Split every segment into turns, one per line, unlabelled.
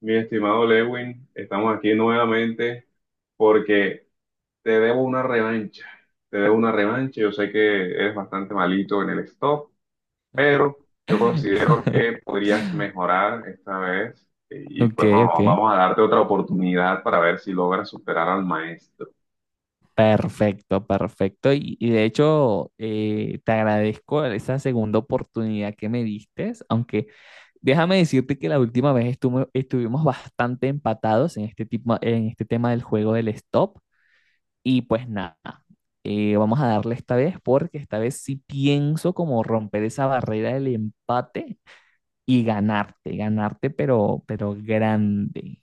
Mi estimado Lewin, estamos aquí nuevamente porque te debo una revancha. Te debo una revancha. Yo sé que eres bastante malito en el stop, pero yo considero que podrías mejorar esta vez y
Ok,
pues vamos,
ok.
vamos a darte otra oportunidad para ver si logras superar al maestro.
Perfecto, perfecto. Y de hecho, te agradezco esa segunda oportunidad que me diste, aunque déjame decirte que la última vez estuvimos bastante empatados en este tema del juego del stop. Y pues nada, vamos a darle esta vez porque esta vez sí pienso como romper esa barrera del empate y ganarte, ganarte, pero grande.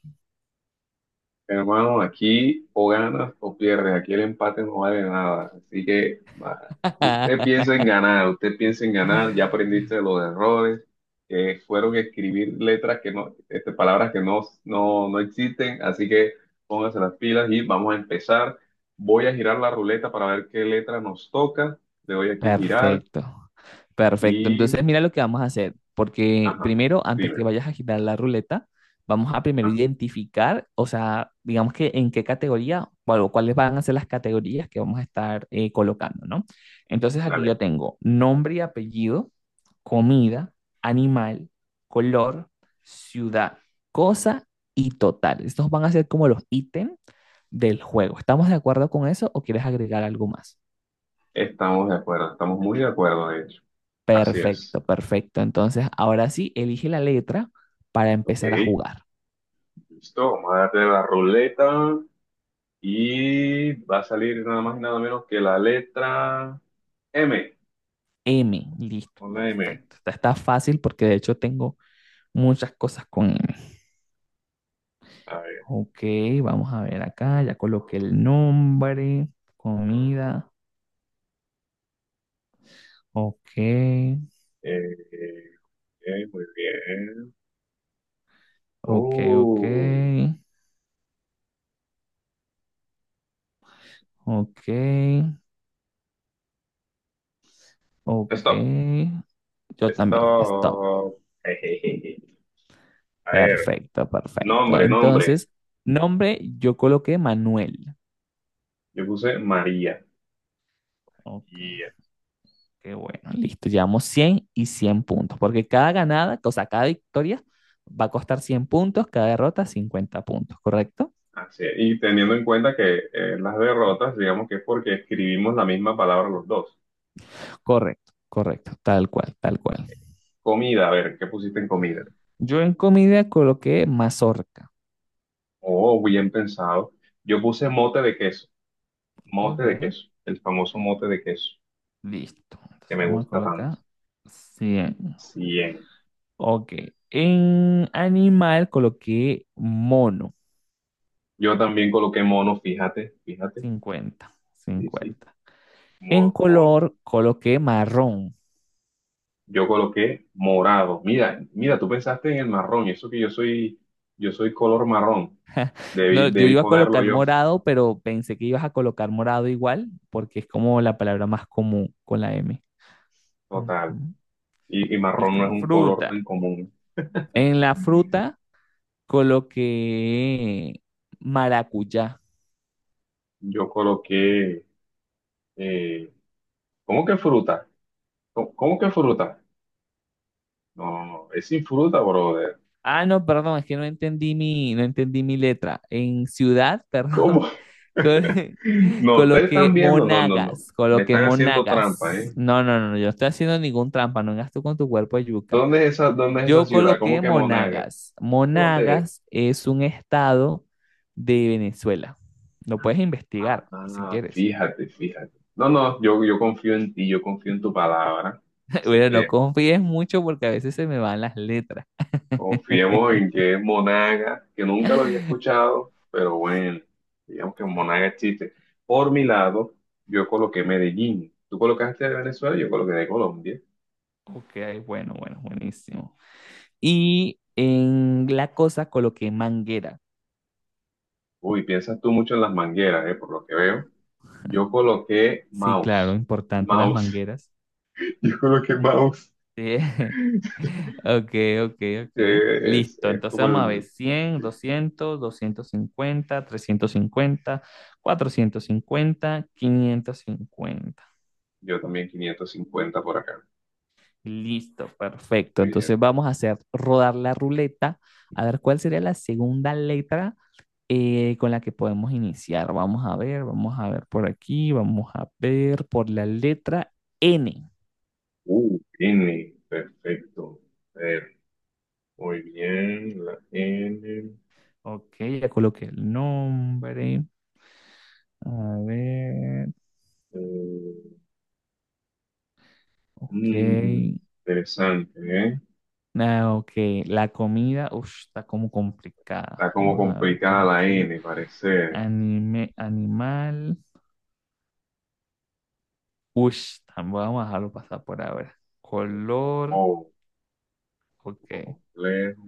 Hermano, aquí o ganas o pierdes, aquí el empate no vale nada, así que va, usted piensa en ganar, usted piensa en ganar, ya aprendiste de los errores, que fueron escribir letras que no, palabras que no, no, no existen, así que póngase las pilas y vamos a empezar. Voy a girar la ruleta para ver qué letra nos toca, le doy aquí girar
Perfecto. Perfecto,
y,
entonces mira lo que vamos a hacer, porque
ajá,
primero, antes que
dime,
vayas a girar la ruleta, vamos a primero
ajá,
identificar, o sea, digamos que en qué categoría, bueno, cuáles van a ser las categorías que vamos a estar colocando, ¿no? Entonces aquí
dale,
yo tengo nombre y apellido, comida, animal, color, ciudad, cosa y total. Estos van a ser como los ítems del juego. ¿Estamos de acuerdo con eso o quieres agregar algo más?
estamos de acuerdo, estamos muy de acuerdo de hecho, así es,
Perfecto, perfecto. Entonces, ahora sí, elige la letra para
ok.
empezar a jugar.
Listo, vamos a darle la ruleta y va a salir nada más y nada menos que la letra M.
M, listo,
Una M.
perfecto. Esta está fácil porque de hecho tengo muchas cosas con M.
A ver.
Ok, vamos a ver acá, ya coloqué el nombre, comida, ok,
eh, muy bien.
ok, ok,
Uh,
ok, ok.
stop.
Yo también, stop.
Stop. Ejejeje. A ver,
Perfecto, perfecto.
nombre, nombre.
Entonces, nombre, yo coloqué Manuel.
Yo puse María.
Ok.
Y
Qué bueno, listo. Llevamos 100 y 100 puntos, porque cada ganada, o sea, cada victoria va a costar 100 puntos, cada derrota 50 puntos, ¿correcto?
así es. Y teniendo en cuenta que las derrotas, digamos que es porque escribimos la misma palabra los dos.
Correcto, correcto, tal cual, tal cual.
Comida, a ver, ¿qué pusiste en comida?
Yo en comida coloqué mazorca.
Oh, bien pensado. Yo puse mote
Ok,
de queso, el famoso mote de queso,
listo.
que
Entonces
me
vamos a
gusta tanto.
colocar 100.
Bien.
Ok, en animal coloqué mono,
Yo también coloqué mono, fíjate, fíjate.
cincuenta
Sí, sí,
cincuenta En
mono.
color coloqué marrón.
Yo coloqué morado. Mira, mira, tú pensaste en el marrón, y eso que yo soy color marrón.
No,
Debí,
yo
debí
iba a
ponerlo
colocar
yo,
morado, pero pensé que ibas a colocar morado igual, porque es como la palabra más común con la M.
total.
Ujú.
Y marrón
Listo,
no es un color
fruta.
tan común.
En la fruta coloqué maracuyá.
Yo coloqué. eh, ¿Cómo que fruta? ¿Cómo que fruta? No, es sin fruta, brother.
Ah, no, perdón, es que no entendí mi letra. En ciudad,
¿Cómo?
perdón, col-
No, ustedes
coloqué
están viendo, no, no, no.
Monagas,
Me
coloqué
están haciendo trampa,
Monagas.
¿eh?
No, no, no, yo no estoy haciendo ningún trampa, no hagas tú con tu cuerpo de yuca.
Dónde es esa
Yo
ciudad? ¿Cómo
coloqué
que Monagas?
Monagas.
¿Dónde es?
Monagas es un estado de Venezuela. Lo puedes investigar si
Ah,
quieres.
fíjate, fíjate. No, no, yo confío en ti, yo confío en tu palabra. Así
Bueno, no
que
confíes mucho porque a veces se me van las letras.
confiemos en que es Monagas, que nunca lo había escuchado, pero bueno, digamos que Monagas existe. Por mi lado, yo coloqué Medellín. Tú colocaste de Venezuela, yo coloqué de Colombia.
Ok, bueno, bueno, buenísimo. Y en la cosa coloqué manguera.
Uy, piensas tú mucho en las mangueras, por lo que veo. Yo coloqué
Sí, claro,
mouse.
importante las
Mouse.
mangueras.
Yo coloqué mouse.
Sí. Ok, ok, ok.
Que es,
Listo.
es
Entonces
como
vamos a ver
el.
100, 200, 250, 350, 450, 550.
Yo también 550 por acá.
Listo, perfecto.
Muy bien.
Entonces vamos a hacer rodar la ruleta a ver cuál sería la segunda letra con la que podemos iniciar. Vamos a ver por aquí, vamos a ver por la letra N.
N. Perfecto. A ver, muy bien. La N.
Ok, ya coloqué el nombre. A ver,
eh,
ok.
Interesante, ¿eh?
Ah, ok, la comida, ush, está como complicada.
Está como
Vamos a ver por
complicada la
aquí.
N, parece.
Animal. Ush, vamos a dejarlo pasar por ahora. Color.
Oh, un
Ok,
poco complejo.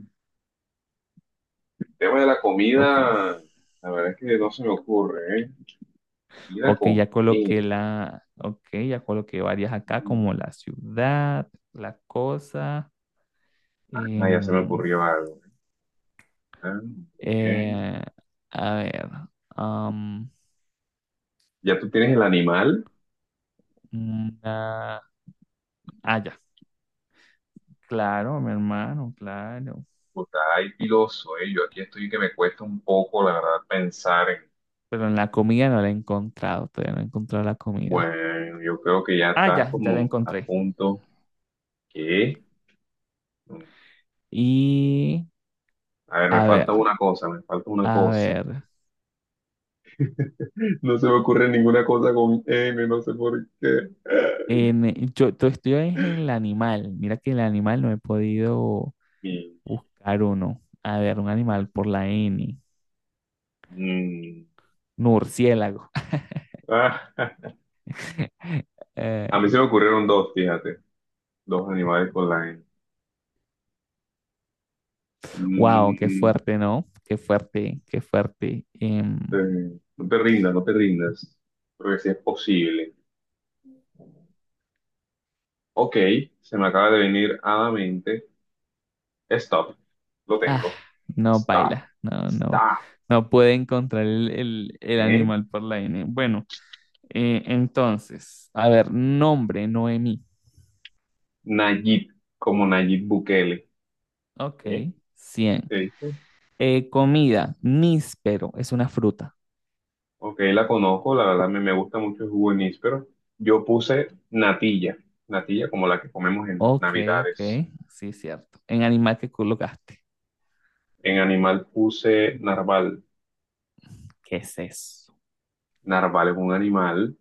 El tema de la
ok.
comida, la verdad es que no se me ocurre, ¿eh? Vida
Ok,
con
ya
E.
coloqué la. Ok, ya coloqué varias acá,
Mm,
como la ciudad, la cosa.
Ah, ya se me
em,
ocurrió algo. Ah, bien.
eh, a ver. am,
Ya tú tienes el animal.
una- Ah, ya. Claro, mi hermano, claro.
Pues ay, piloso, eh. Yo aquí estoy que me cuesta un poco, la verdad, pensar en.
Pero en la comida no la he encontrado, todavía no he encontrado la comida.
Bueno, yo creo que ya
Ah,
estás
ya, ya la
como a
encontré.
punto. ¿Qué?
Y
A ver, me
a
falta
ver,
una cosa, me falta una
a
cosa.
ver,
No se me ocurre ninguna cosa con N, no sé por qué.
estoy en el animal, mira que el animal no he podido
Y,
buscar uno. A ver, un animal por la N,
mm,
murciélago.
ah, a mí se me ocurrieron dos, fíjate, dos animales con la N.
Wow, qué
Mm,
fuerte, ¿no? Qué fuerte, qué fuerte. Em,
Eh, no te rindas, no te rindas. Porque sí es posible. Ok, se me acaba de venir a la mente. Stop. Lo
ah,
tengo.
no,
Stop.
baila, no, no,
Stop.
no puede encontrar el, el
¿Eh?
animal por la N. Bueno. Entonces, a ver, nombre, Noemí.
Nayib, como Nayib Bukele.
Ok,
¿Eh?
100.
¿Te dice?
Comida, níspero, es una fruta.
Ok, la conozco, la verdad me gusta mucho el jugo de níspero. Yo puse natilla, natilla como la que comemos en
Ok, ok,
Navidades.
sí, cierto. En animal que colocaste.
En animal puse narval.
¿Qué es eso?
Narval es un animal.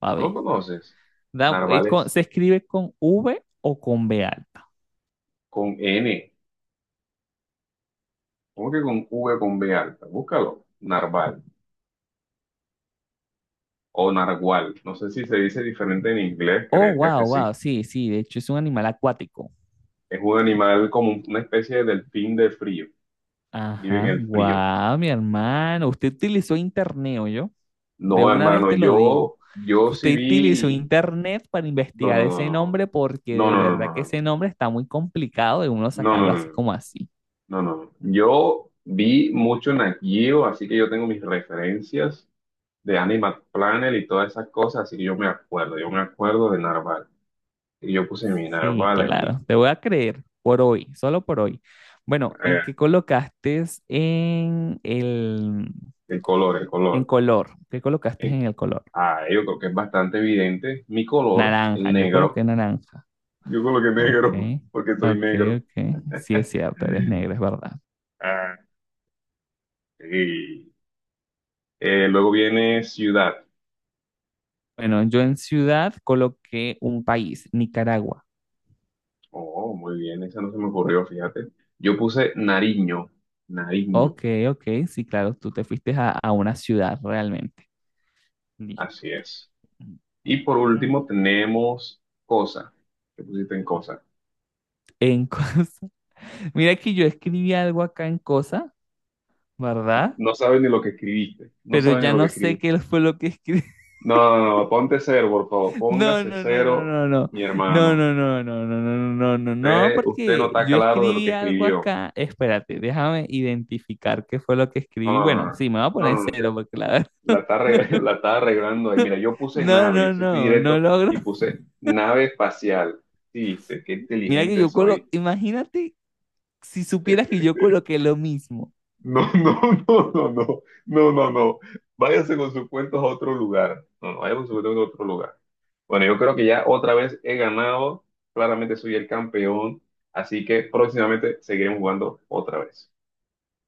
A
¿No lo
ver.
conoces? Narval es
¿Se escribe con V o con B alta?
con N. ¿Cómo que con V con B alta? Búscalo. Narval o nargual. No sé si se dice diferente en inglés,
Oh,
creería que
wow,
sí.
wow, sí, sí, de hecho es un animal acuático.
Es un animal como una especie de delfín de frío. Vive en
Ajá,
el frío.
guau, mi hermano. Usted utilizó internet, yo. De
No,
una vez
hermano,
te lo digo.
yo sí
Usted utilizó
vi.
internet para
No,
investigar ese
no,
nombre porque
no,
de verdad
no,
que
no.
ese nombre está muy complicado de uno
No, no,
sacarlo
no, no,
así
no,
como así.
no, no, no, no, no. No. Yo vi mucho Nat Geo, así que yo tengo mis referencias de Animal Planet y todas esas cosas, así que yo me acuerdo de narval. Y yo puse mi
Sí,
narval aquí.
claro. Te voy a creer por hoy, solo por hoy. Bueno, ¿y qué colocaste
El color, el
en
color.
color? ¿Qué colocaste
Eh,
en el color?
Ah, yo creo que es bastante evidente. Mi color, el
Naranja. Yo
negro.
coloqué naranja.
Yo coloqué
Ok,
negro porque soy
ok,
negro.
ok. Sí es cierto, eres negra, es verdad.
Ah, sí. Luego viene ciudad.
Bueno, yo en ciudad coloqué un país, Nicaragua.
Oh, muy bien, esa no se me ocurrió, fíjate. Yo puse Nariño, Nariño,
Ok, ok, sí, claro, tú te fuiste a una ciudad realmente. Li-
así es. Y por último tenemos cosa. ¿Qué pusiste en cosa?
En cosa. Mira que yo escribí algo acá en cosa, ¿verdad?
No saben ni lo que escribiste, no
Pero
saben ni
ya
lo que
no sé
escribiste.
qué fue lo que escribí.
No, no, no, no, ponte cero, por favor,
No,
póngase
no, no, no,
cero,
no, no.
mi
No,
hermano.
no, no, no, no, no, no, no, no, no,
Usted no
porque
está
yo
claro de lo que
escribí algo
escribió.
acá. Espérate, déjame identificar qué fue lo que escribí.
No, no, no,
Bueno,
no,
sí, me voy a poner
no, no. No.
cero porque la verdad.
La está, la está arreglando ahí. Mira, yo puse
No,
nave, yo
no,
sí fui
no, no
directo
logro.
y puse nave espacial. Sí, qué
Mira que
inteligente soy.
imagínate si supieras que yo coloqué lo mismo.
No, no, no, no, no, no, no, no. Váyase con sus cuentos a otro lugar. No, no, váyase con sus cuentos a otro lugar. Bueno, yo creo que ya otra vez he ganado. Claramente soy el campeón. Así que próximamente seguiremos jugando otra vez.